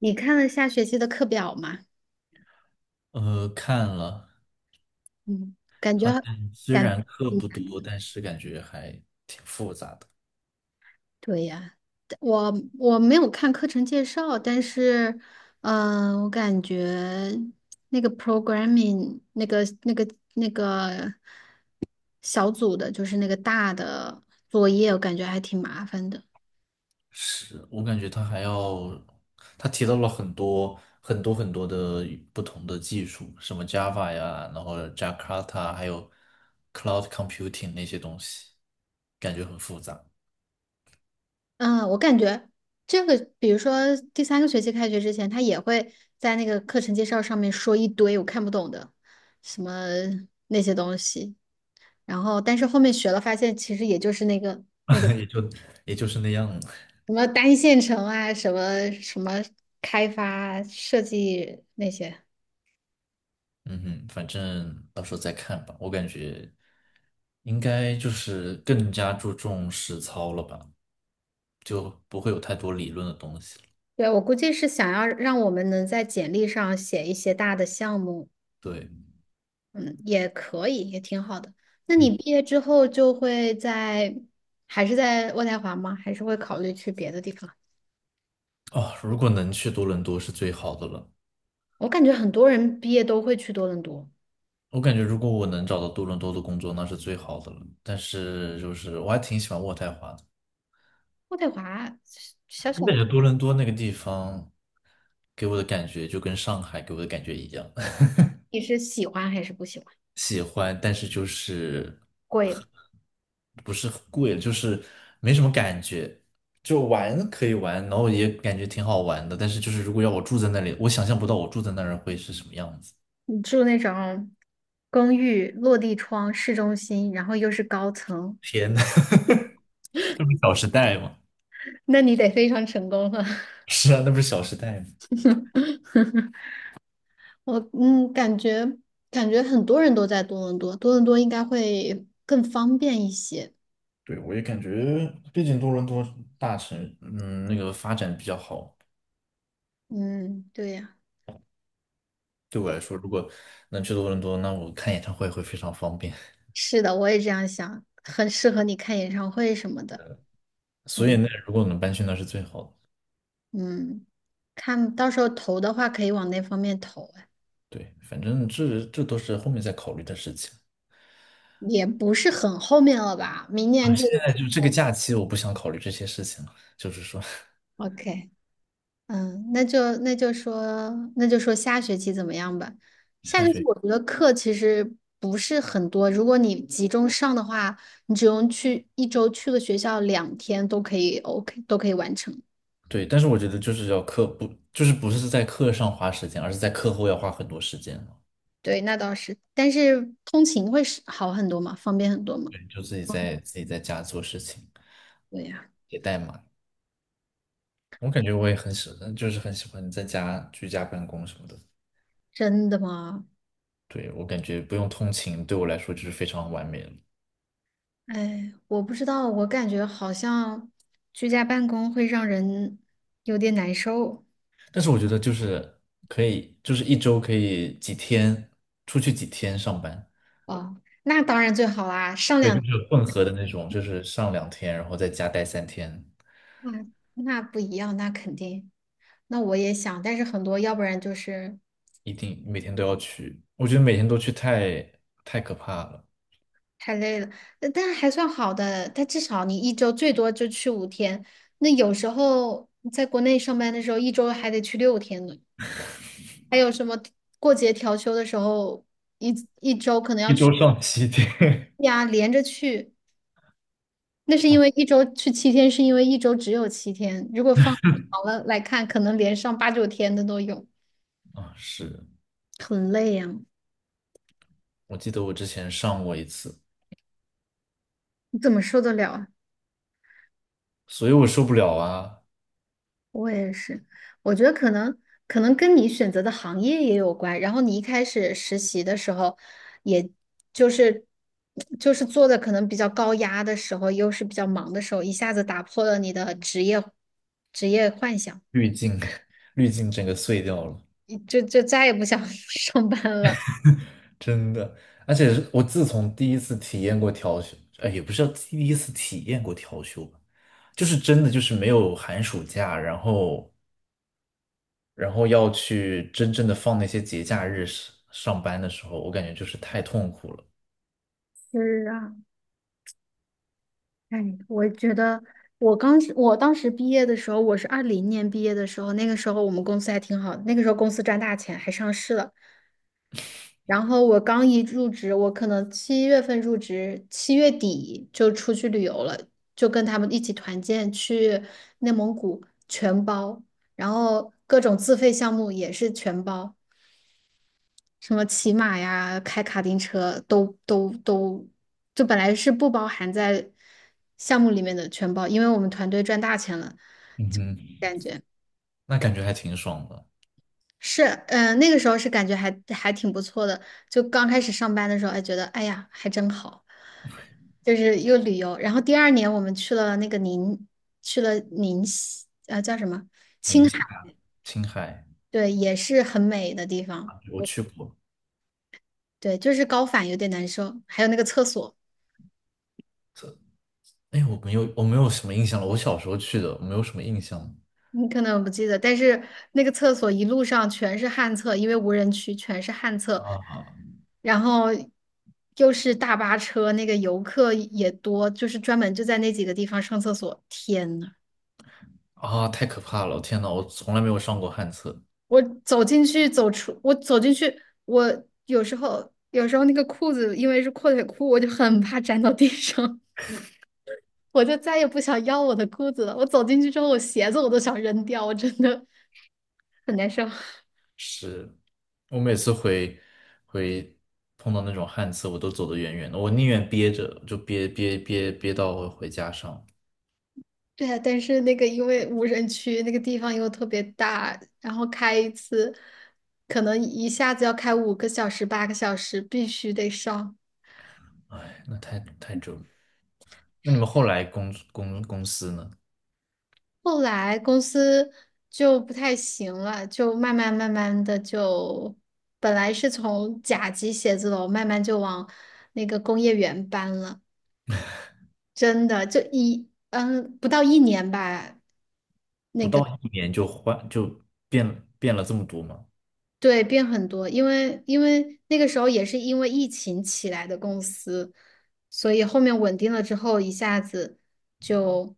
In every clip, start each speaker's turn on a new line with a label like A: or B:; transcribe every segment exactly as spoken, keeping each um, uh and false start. A: 你看了下学期的课表吗？
B: 呃，看了，
A: 嗯，感觉
B: 发现虽
A: 感
B: 然课
A: 挺
B: 不
A: 难
B: 多，
A: 的。
B: 但是感觉还挺复杂的。
A: 对呀，我我没有看课程介绍，但是，嗯、我感觉那个 programming 那个那个那个小组的，就是那个大的作业，我感觉还挺麻烦的。
B: 是，我感觉他还要，他提到了很多很多很多的不同的技术，什么 Java 呀，然后 Jakarta,还有 Cloud Computing 那些东西，感觉很复杂，
A: 嗯，我感觉这个，比如说第三个学期开学之前，他也会在那个课程介绍上面说一堆我看不懂的什么那些东西。然后但是后面学了，发现其实也就是那个
B: 也就也就是那样了。
A: 什么单线程啊，什么什么开发设计那些。
B: 嗯哼，反正到时候再看吧。我感觉应该就是更加注重实操了吧。就不会有太多理论的东西了。
A: 对，我估计是想要让我们能在简历上写一些大的项目，
B: 对，
A: 嗯，也可以，也挺好的。那你
B: 嗯，
A: 毕业之后就会在，还是在渥太华吗？还是会考虑去别的地方？
B: 哦，如果能去多伦多是最好的了。
A: 我感觉很多人毕业都会去多伦多，
B: 我感觉如果我能找到多伦多的工作，那是最好的了。但是就是我还挺喜欢渥太华的，
A: 渥太华小
B: 我
A: 小
B: 感
A: 的，
B: 觉多伦多那个地方给我的感觉就跟上海给我的感觉一样，
A: 你是喜欢还是不喜欢？
B: 喜欢，但是就是
A: 贵。
B: 不是很贵，就是没什么感觉。就玩可以玩，然后也感觉挺好玩的，但是就是如果要我住在那里，我想象不到我住在那儿会是什么样子。
A: 住那种公寓，落地窗，市中心，然后又是高层，
B: 天呐，那不是《小时代》吗？
A: 那你得非常成功了。
B: 是啊，那不是《小时代》吗？
A: 我嗯，感觉感觉很多人都在多伦多，多伦多应该会更方便一些。
B: 对，我也感觉，毕竟多伦多大城，嗯，那个发展比较好。
A: 嗯，对呀，
B: 对我来说，如果能去多伦多，那我看演唱会会非常方便。
A: 是的，我也这样想，很适合你看演唱会什么的。
B: 所以
A: 嗯，
B: 那如果能搬去那是最好的。
A: 嗯，看到时候投的话，可以往那方面投啊，哎
B: 对，反正这这都是后面再考虑的事情
A: 也不是很后面了吧？明年
B: 啊。
A: 就
B: 现在就这个假期，我不想考虑这些事情了。就是说，
A: OK。嗯，那就那就说那就说下学期怎么样吧。下
B: 下
A: 学期
B: 学期。
A: 我觉得课其实不是很多，如果你集中上的话，你只用去一周去个学校两天都可以，OK 都可以完成。
B: 对，但是我觉得就是要课不，就是不是在课上花时间，而是在课后要花很多时间。
A: 对，那倒是，但是通勤会是好很多嘛，方便很多嘛。
B: 对，就自己在自己在家做事情，
A: 对呀，
B: 写代码。我感觉我也很喜欢，就是很喜欢在家居家办公什么的。
A: 真的吗？
B: 对，我感觉不用通勤，对我来说就是非常完美了。
A: 哎，我不知道，我感觉好像居家办公会让人有点难受。
B: 但是我觉得就是可以，就是一周可以几天出去几天上班，
A: 哦，那当然最好啦，上
B: 对，就
A: 两。
B: 是混合的那种，就是上两天，然后在家待三天，
A: 嗯，那不一样，那肯定。那我也想，但是很多要不然就是
B: 一定每天都要去。我觉得每天都去太太可怕了，
A: 太累了，呃但还算好的。但至少你一周最多就去五天，那有时候在国内上班的时候，一周还得去六天呢。还有什么过节调休的时候，一一周可能要
B: 一
A: 去
B: 周上七天。
A: 呀，连着去。那是因为一周去七天，是因为一周只有七天。如果放长了来看，可能连上八九天的都有，
B: 啊，是，
A: 很累呀，
B: 我记得我之前上过一次。
A: 你怎么受得了？啊？
B: 所以我受不了啊，
A: 我也是，我觉得可能可能跟你选择的行业也有关。然后你一开始实习的时候，也就是就是做的可能比较高压的时候，又是比较忙的时候，一下子打破了你的职业职业幻想，
B: 滤镜，滤镜整个碎掉了，
A: 你就就再也不想 上班了。
B: 真的。而且是我自从第一次体验过调休，哎，也不是第一次体验过调休吧，就是真的就是没有寒暑假，然后然后要去真正的放那些节假日上上班的时候，我感觉就是太痛苦了。
A: 是啊，哎，我觉得我刚我当时毕业的时候，我是二零年毕业的时候，那个时候我们公司还挺好的，那个时候公司赚大钱，还上市了。然后我刚一入职，我可能七月份入职，七月底就出去旅游了，就跟他们一起团建去内蒙古，全包，然后各种自费项目也是全包，什么骑马呀、开卡丁车都都都，就本来是不包含在项目里面的全包，因为我们团队赚大钱了。
B: 嗯哼，那感觉还挺爽的，
A: 是，嗯、那个时候是感觉还还挺不错的。就刚开始上班的时候，还觉得哎呀，还真好，就是又旅游。然后第二年我们去了那个宁，去了宁西，呃，叫什么？青
B: 宁
A: 海，
B: 夏、青海
A: 对，也是很美的地方。
B: 啊，我去过。
A: 对，就是高反有点难受，还有那个厕所。
B: 这，哎，我没有，我没有什么印象了。我小时候去的，我没有什么印象了
A: 你可能不记得，但是那个厕所一路上全是旱厕，因为无人区全是旱厕，
B: 啊。
A: 然后又是大巴车，那个游客也多，就是专门就在那几个地方上厕所。天呐，
B: 啊，太可怕了！天呐，我从来没有上过旱厕，
A: 我走进去，走出，我走进去，我有时候有时候那个裤子因为是阔腿裤，我就很怕粘到地上，我就再也不想要我的裤子了。我走进去之后，我鞋子我都想扔掉，我真的很难受。
B: 是我每次回回碰到那种旱厕，我都走得远远的，我宁愿憋着，就憋憋憋憋到我回家上。
A: 对呀，但是那个因为无人区那个地方又特别大，然后开一次可能一下子要开五个小时、八个小时，必须得上。
B: 哎，那太太折磨。那你们后来公公公司呢？
A: 后来公司就不太行了，就慢慢慢慢的就，本来是从甲级写字楼慢慢就往那个工业园搬了，真的就一嗯不到一年吧。
B: 不到一年就换就变变了这么多吗？
A: 对，变很多，因为因为那个时候也是因为疫情起来的公司，所以后面稳定了之后，一下子就，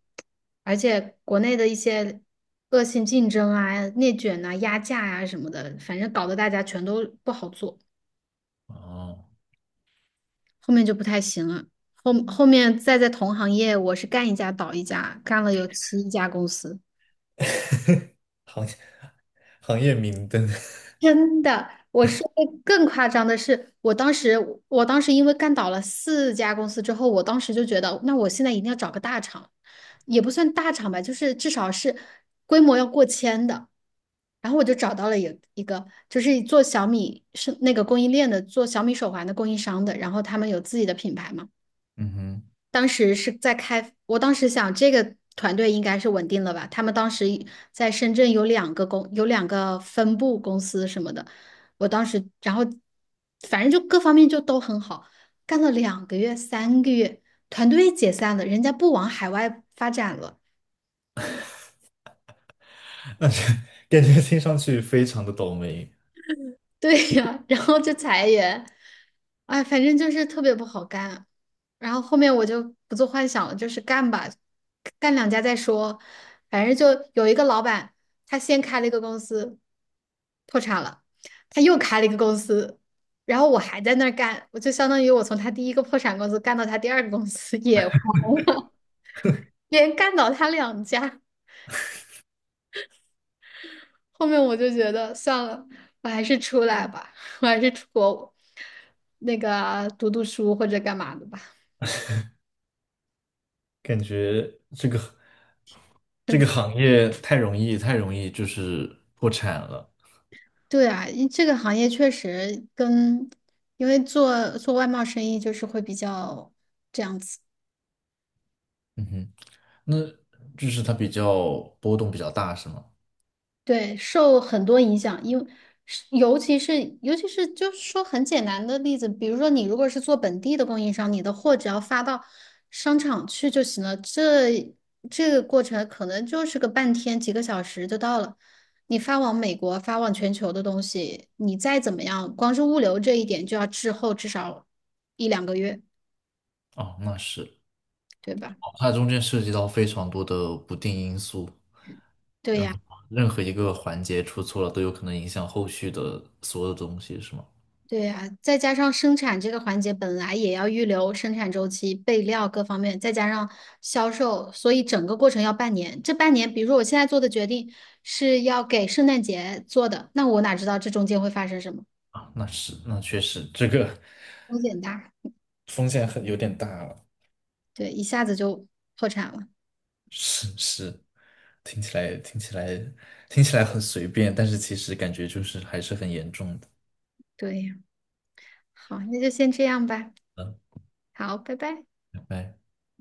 A: 而且国内的一些恶性竞争啊、内卷啊、压价啊什么的，反正搞得大家全都不好做，
B: 哦，
A: 后面就不太行了。后后面再在同行业，我是干一家倒一家，干了有七家公司。
B: 行业行业明灯，
A: 真的，我说的更夸张的是，我当时，我当时因为干倒了四家公司之后，我当时就觉得，那我现在一定要找个大厂，也不算大厂吧，就是至少是规模要过千的。然后我就找到了一一个，就是做小米是那个供应链的，做小米手环的供应商的，然后他们有自己的品牌嘛。
B: 嗯哼，
A: 当时是在开，我当时想这个团队应该是稳定了吧？他们当时在深圳有两个公，有两个分部公司什么的。我当时，然后反正就各方面就都很好，干了两个月、三个月，团队解散了，人家不往海外发展了。
B: 那是感觉听上去非常的倒霉。
A: 对呀，然后就裁员，哎，反正就是特别不好干。然后后面我就不做幻想了，就是干吧，干两家再说。反正就有一个老板，他先开了一个公司，破产了，他又开了一个公司，然后我还在那儿干，我就相当于我从他第一个破产公司干到他第二个公司也黄了，连干倒他两家。后面我就觉得算了，我还是出来吧，我还是出国那个读读书或者干嘛的吧。
B: 感觉这个这个行业太容易，太容易就是破产了。
A: 对啊，因这个行业确实跟，因为做做外贸生意就是会比较这样子，
B: 嗯哼，那就是它比较波动比较大，是吗？
A: 对，受很多影响，因为是尤其是尤其是就是说很简单的例子，比如说你如果是做本地的供应商，你的货只要发到商场去就行了，这这个过程可能就是个半天几个小时就到了。你发往美国、发往全球的东西，你再怎么样，光是物流这一点就要滞后至少一两个月，
B: 哦，那是，
A: 对吧？
B: 哦它中间涉及到非常多的不定因素，
A: 对
B: 然
A: 呀，
B: 后任何一个环节出错了，都有可能影响后续的所有的东西，是吗？
A: 对呀，再加上生产这个环节本来也要预留生产周期、备料各方面，再加上销售，所以整个过程要半年。这半年，比如说我现在做的决定是要给圣诞节做的，那我哪知道这中间会发生什么？
B: 啊，那是，那确实，这个
A: 风险大，
B: 风险很有点大了。
A: 对，一下子就破产了。
B: 是是，听起来听起来听起来很随便，但是其实感觉就是还是很严重的。
A: 对呀，好，那就先这样吧。
B: 嗯，
A: 好，拜拜。
B: 拜拜。